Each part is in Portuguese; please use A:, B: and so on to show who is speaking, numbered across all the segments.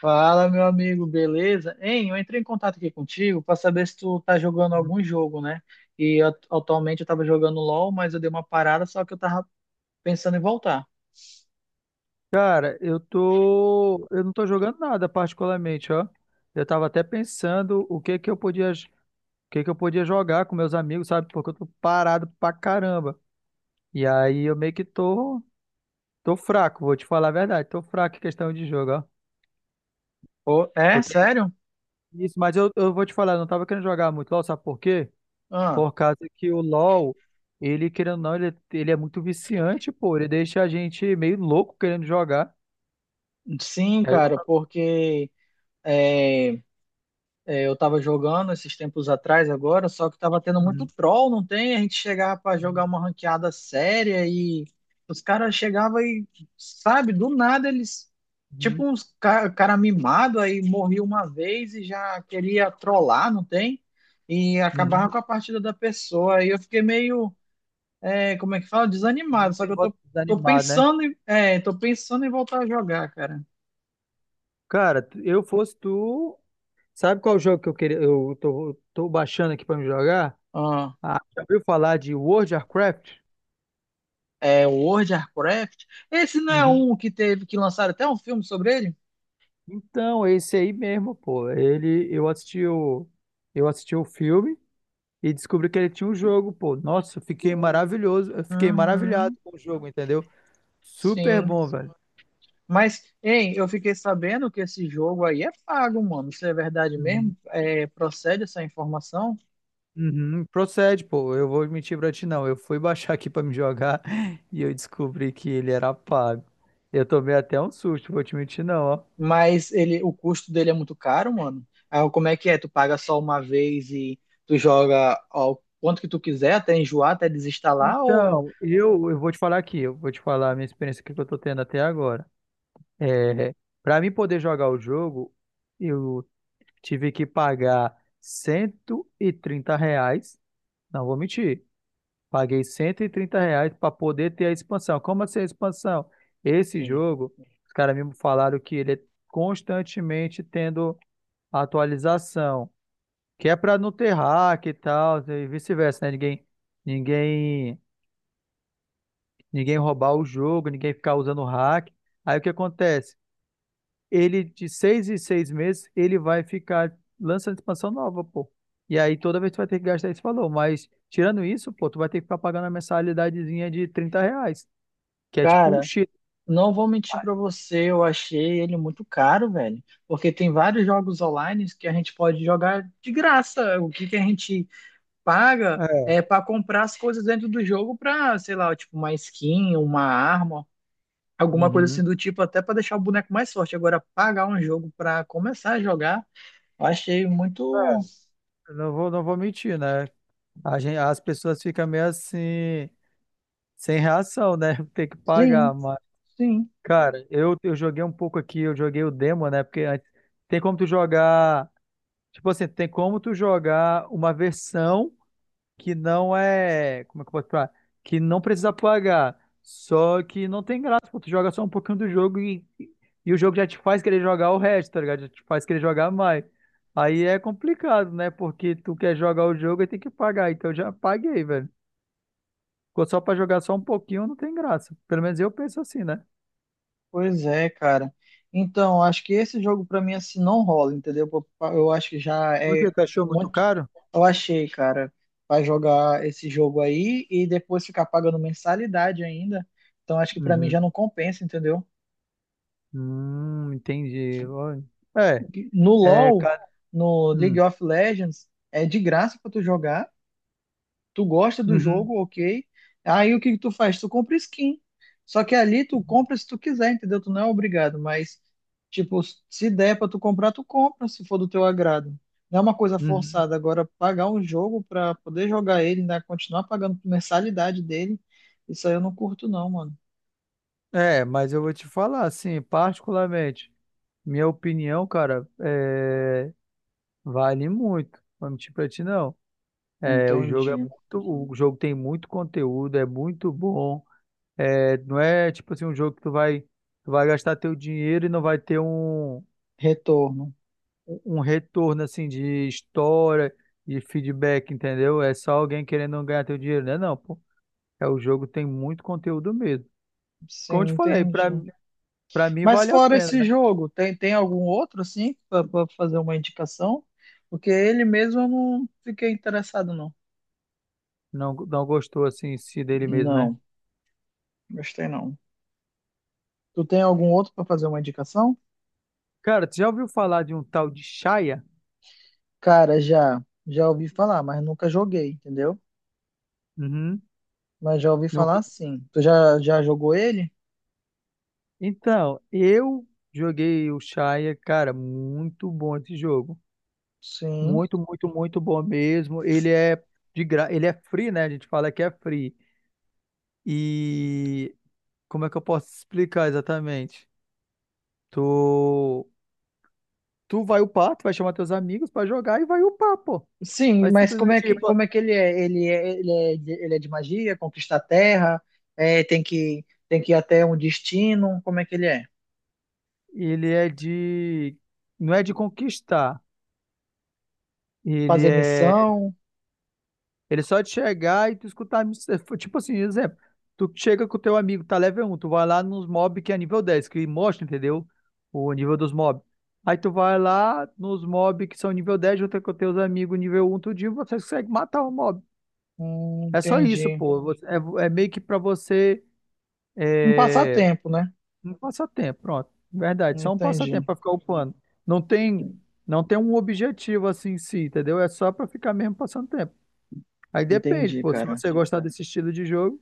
A: Fala, meu amigo, beleza? Hein, eu entrei em contato aqui contigo para saber se tu tá jogando algum jogo, né? E atualmente eu tava jogando LOL, mas eu dei uma parada, só que eu tava pensando em voltar.
B: Cara, eu não tô jogando nada particularmente, ó. Eu tava até pensando o que que eu podia jogar com meus amigos, sabe? Porque eu tô parado pra caramba. E aí eu meio que tô fraco, vou te falar a verdade, tô fraco em questão de jogo, ó.
A: Pô, é?
B: Eu tenho
A: Sério?
B: isso, mas eu vou te falar, eu não tava querendo jogar muito LoL, sabe por quê?
A: Ah,
B: Por causa que o LoL, ele querendo ou não, ele é muito viciante, pô, ele deixa a gente meio louco querendo jogar.
A: sim,
B: Aí eu não
A: cara,
B: tava.
A: porque eh, É, eu tava jogando esses tempos atrás agora, só que tava tendo muito
B: Uhum,
A: troll, não tem? A gente chegava pra jogar uma ranqueada séria e os caras chegavam e, sabe, do nada eles, tipo
B: uhum,
A: uns cara, mimado, aí morria uma vez e já queria trollar, não tem? E acabava
B: uhum.
A: com a partida da pessoa. Aí eu fiquei meio, é, como é que fala? Desanimado,
B: Ele
A: só que
B: tem
A: eu tô,
B: voto
A: tô
B: desanimado, né?
A: pensando em, é, tô pensando em voltar a jogar, cara.
B: Cara, eu fosse tu. Sabe qual jogo que eu queria? Eu tô baixando aqui pra me jogar? Ah, já ouviu falar de World of Warcraft?
A: É, World of Warcraft. Esse não é
B: Uhum.
A: um que teve que lançar até um filme sobre ele?
B: Então, esse aí mesmo, pô. Eu assisti o filme e descobri que ele tinha um jogo, pô. Nossa, eu fiquei maravilhado
A: Uhum,
B: com o jogo, entendeu? Super
A: sim.
B: bom, velho.
A: Mas, hein, eu fiquei sabendo que esse jogo aí é pago, mano. Isso é verdade
B: Uhum.
A: mesmo? É, procede essa informação?
B: Uhum, procede, pô. Eu vou mentir pra ti, não. Eu fui baixar aqui pra me jogar e eu descobri que ele era pago. Eu tomei até um susto, vou te mentir, não, ó.
A: Mas ele, o custo dele é muito caro, mano. Ah, como é que é? Tu paga só uma vez e tu joga ao quanto que tu quiser, até enjoar, até desinstalar ou.
B: Então, eu vou te falar aqui, eu vou te falar a minha experiência que eu tô tendo até agora. É, para mim poder jogar o jogo, eu tive que pagar R$ 130, não vou mentir. Paguei R$ 130 para poder ter a expansão. Como assim a expansão? Esse
A: Sim.
B: jogo, os caras me falaram que ele é constantemente tendo atualização, que é para não ter hack e tal, e vice-versa, né? Ninguém, ninguém roubar o jogo, ninguém ficar usando hack. Aí o que acontece? Ele, de 6 em 6 meses, ele vai ficar lançando expansão nova, pô. E aí toda vez tu vai ter que gastar esse valor. Mas tirando isso, pô, tu vai ter que ficar pagando a mensalidadezinha de R$ 30, que é tipo o
A: Cara,
B: Chile.
A: não vou mentir pra você, eu achei ele muito caro, velho. Porque tem vários jogos online que a gente pode jogar de graça. O que que a gente paga
B: É.
A: é pra comprar as coisas dentro do jogo pra, sei lá, tipo uma skin, uma arma, alguma coisa
B: Uhum.
A: assim do tipo, até pra deixar o boneco mais forte. Agora, pagar um jogo pra começar a jogar, eu achei muito.
B: Eu não vou mentir, né? A gente, as pessoas ficam meio assim, sem reação, né? Tem que pagar,
A: Sim,
B: mas,
A: sim.
B: cara, eu joguei um pouco aqui, eu joguei o demo, né? Porque antes, tem como tu jogar, tipo assim, tem como tu jogar uma versão, que não é. Como é que eu posso falar? Que não precisa pagar. Só que não tem graça, pô. Tu joga só um pouquinho do jogo e o jogo já te faz querer jogar o resto, tá ligado? Já te faz querer jogar mais. Aí é complicado, né? Porque tu quer jogar o jogo e tem que pagar. Então eu já paguei, velho. Ficou só pra jogar só um pouquinho, não tem graça. Pelo menos eu penso assim, né?
A: Pois é, cara. Então, acho que esse jogo pra mim assim não rola, entendeu? Eu acho que já
B: Por que
A: é
B: tu achou muito
A: muito.
B: caro?
A: Eu achei, cara, vai jogar esse jogo aí e depois ficar pagando mensalidade ainda. Então, acho que pra mim já
B: Uhum.
A: não compensa, entendeu?
B: Entendi. Ó, É,
A: No
B: é,
A: LoL,
B: cara.
A: no League
B: Hum,
A: of Legends, é de graça pra tu jogar. Tu gosta do
B: uhum,
A: jogo, ok. Aí o que que tu faz? Tu compra skin. Só que ali tu compra se tu quiser, entendeu? Tu não é obrigado, mas tipo, se der pra tu comprar, tu compra, se for do teu agrado. Não é uma coisa
B: uhum.
A: forçada. Agora, pagar um jogo pra poder jogar ele, né? Continuar pagando mensalidade dele, isso aí eu não curto não, mano.
B: É, mas eu vou te falar, assim, particularmente, minha opinião, cara, é, vale muito. Não vou mentir pra ti, não. É,
A: Entendi.
B: o jogo tem muito conteúdo, é muito bom. É, não é tipo assim um jogo que tu vai gastar teu dinheiro e não vai ter um,
A: Retorno.
B: um retorno assim de história, de feedback, entendeu? É só alguém querendo ganhar teu dinheiro, né? Não, pô. É, o jogo tem muito conteúdo mesmo. Como eu te
A: Sim,
B: falei, pra,
A: entendi.
B: pra mim
A: Mas
B: vale a
A: fora
B: pena,
A: esse
B: né?
A: jogo, tem algum outro, assim, pra fazer uma indicação? Porque ele mesmo eu não fiquei interessado, não.
B: Não, não gostou assim em si dele mesmo, né?
A: Não, gostei não. Tu tem algum outro pra fazer uma indicação?
B: Cara, tu já ouviu falar de um tal de Shaya?
A: Cara, já ouvi falar, mas nunca joguei, entendeu?
B: Uhum.
A: Mas já ouvi
B: Nunca-
A: falar sim. Tu já, já jogou ele?
B: Então, eu joguei o Shaya, cara, muito bom esse jogo.
A: Sim.
B: Muito, muito, muito bom mesmo. Ele é ele é free, né? A gente fala que é free. E como é que eu posso explicar exatamente? Tu tu vai upar, tu vai chamar teus amigos pra jogar e vai upar, pô.
A: Sim,
B: Vai
A: mas
B: simplesmente, pô,
A: como é que ele é? Ele é, ele é, ele é de magia, conquista a terra, é, tem que ir até um destino, como é que ele é?
B: ele é de não é de conquistar. Ele
A: Fazer
B: é.
A: missão?
B: Ele é só de chegar e tu escutar. Tipo assim, exemplo. Tu chega com o teu amigo, tá level 1 tu vai lá nos mob que é nível 10 que mostra, entendeu? O nível dos mob. Aí tu vai lá nos mob que são nível 10 junto com teus amigos nível 1, tudinho, você consegue matar o mob. É só isso,
A: Entendi.
B: pô. É, meio que pra você.
A: Um
B: É.
A: passatempo, né?
B: Um passatempo, pronto. Verdade, só um
A: Entendi,
B: passatempo pra ficar upando. Não tem, não tem um objetivo assim em si, entendeu? É só pra ficar mesmo passando tempo. Aí depende,
A: entendi,
B: pô. Se
A: cara.
B: você gostar desse estilo de jogo,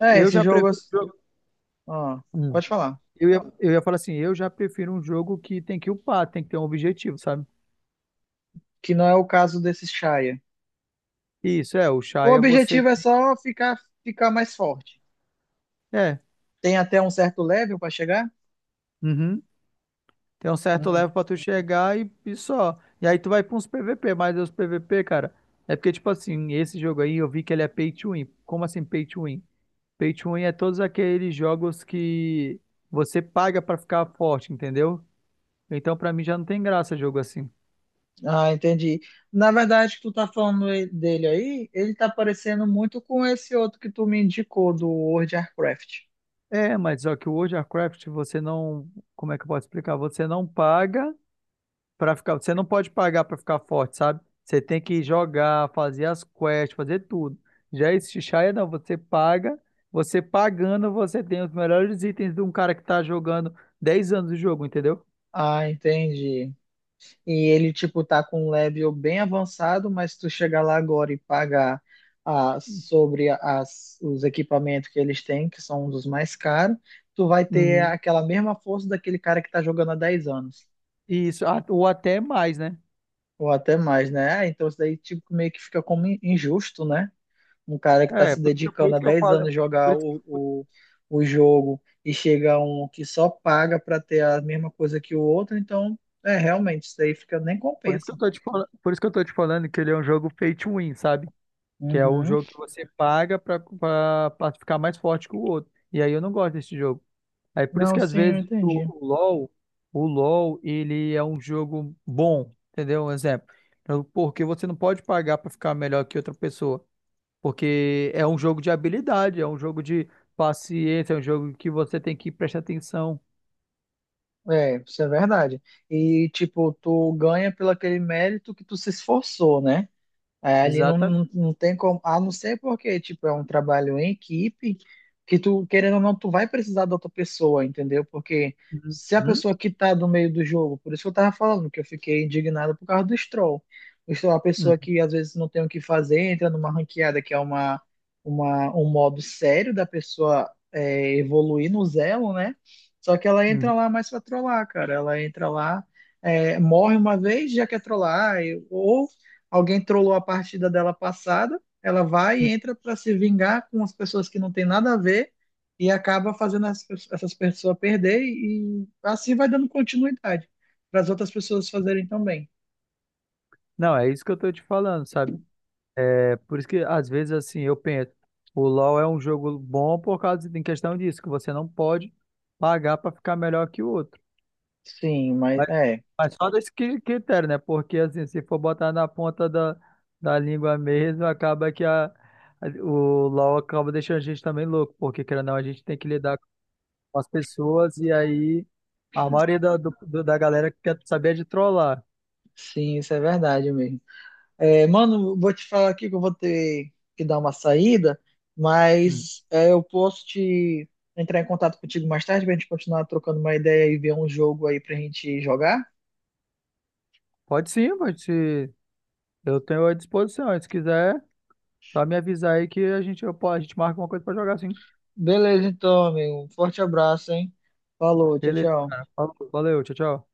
A: É,
B: eu
A: esse
B: já
A: jogo.
B: prefiro um jogo.
A: Ah,
B: Hum.
A: pode falar.
B: Eu ia falar assim, eu já prefiro um jogo que tem que upar, tem que ter um objetivo, sabe?
A: Que não é o caso desse Shaya.
B: Isso, é, o
A: O
B: Shaya você.
A: objetivo é só ficar, ficar mais forte.
B: É,
A: Tem até um certo level para chegar?
B: uhum. Tem um certo
A: Hum,
B: level pra tu chegar e só. E aí tu vai pra uns PVP, mas os PVP, cara, é porque, tipo assim, esse jogo aí eu vi que ele é pay to win. Como assim pay to win? Pay to win é todos aqueles jogos que você paga pra ficar forte, entendeu? Então pra mim já não tem graça jogo assim.
A: Ah, entendi. Na verdade, que tu tá falando dele aí, ele tá parecendo muito com esse outro que tu me indicou do World of Warcraft.
B: É, mas só que o World of Warcraft você não, como é que eu posso explicar? Você não pode pagar para ficar forte, sabe? Você tem que jogar, fazer as quests, fazer tudo. Já esse Xayah não, você pagando você tem os melhores itens de um cara que tá jogando 10 anos o jogo, entendeu?
A: Ah, entendi. E ele, tipo, tá com um level bem avançado, mas tu chegar lá agora e pagar, ah, sobre os equipamentos que eles têm, que são um dos mais caros, tu vai ter
B: Uhum.
A: aquela mesma força daquele cara que tá jogando há 10 anos,
B: Isso, ou até mais, né?
A: ou até mais, né? Ah, então isso daí, tipo, meio que fica como injusto, né? Um cara que tá
B: É,
A: se
B: por
A: dedicando há
B: isso que eu
A: 10 anos a
B: falo, por
A: jogar
B: isso que,
A: o,
B: por,
A: o, o jogo e chega um que só paga pra ter a mesma coisa que o outro, então, é, realmente, isso daí fica, nem compensa.
B: por isso que eu tô te falando que ele é um jogo pay to win, sabe? Que é um
A: Uhum.
B: jogo que você paga pra ficar mais forte que o outro. E aí eu não gosto desse jogo. Aí por isso
A: Não,
B: que às
A: sim, eu
B: vezes o,
A: entendi.
B: o LoL, o LoL, ele é um jogo bom, entendeu? Um exemplo. Porque você não pode pagar pra ficar melhor que outra pessoa. Porque é um jogo de habilidade, é um jogo de paciência, é um jogo que você tem que prestar atenção.
A: É, isso é verdade. E, tipo, tu ganha pelo aquele mérito que tu se esforçou, né? É, ali não,
B: Exata.
A: não tem como, a não ser porque, tipo, é um trabalho em equipe, que tu, querendo ou não, tu vai precisar da outra pessoa, entendeu? Porque
B: Uhum,
A: se a
B: uhum,
A: pessoa que tá do meio do jogo, por isso que eu tava falando que eu fiquei indignado por causa do Stroll. O Stroll é uma pessoa que às vezes não tem o que fazer, entra numa ranqueada que é uma, um modo sério da pessoa é, evoluir no Zelo, né? Só que ela entra
B: uhum.
A: lá mais pra trollar, cara. Ela entra lá, é, morre uma vez, já quer trollar, ou alguém trollou a partida dela passada, ela vai e
B: Uhum.
A: entra para se vingar com as pessoas que não tem nada a ver e acaba fazendo as essas pessoas perder e assim vai dando continuidade para as outras pessoas fazerem também.
B: Não, é isso que eu tô te falando, sabe? É por isso que às vezes assim eu penso, o LoL é um jogo bom por causa em questão disso, que você não pode pagar para ficar melhor que o outro.
A: Sim,
B: Mas, mas só desse critério, né? Porque assim, se for botar na ponta da língua mesmo, acaba que o LoL acaba deixando a gente também louco, porque querendo ou não, a gente tem que lidar com as pessoas e aí a maioria da galera quer saber de trollar.
A: sim, isso é verdade mesmo. É, mano, vou te falar aqui que eu vou ter que dar uma saída,
B: Hum.
A: eu posso te entrar em contato contigo mais tarde pra gente continuar trocando uma ideia e ver um jogo aí pra gente jogar?
B: Pode sim, pode se eu tenho à disposição, se quiser. Só me avisar aí que a gente marca uma coisa pra jogar, sim.
A: Beleza, então, amigo. Um forte abraço, hein? Falou, tchau,
B: Beleza,
A: tchau.
B: cara. Falou, valeu, tchau, tchau.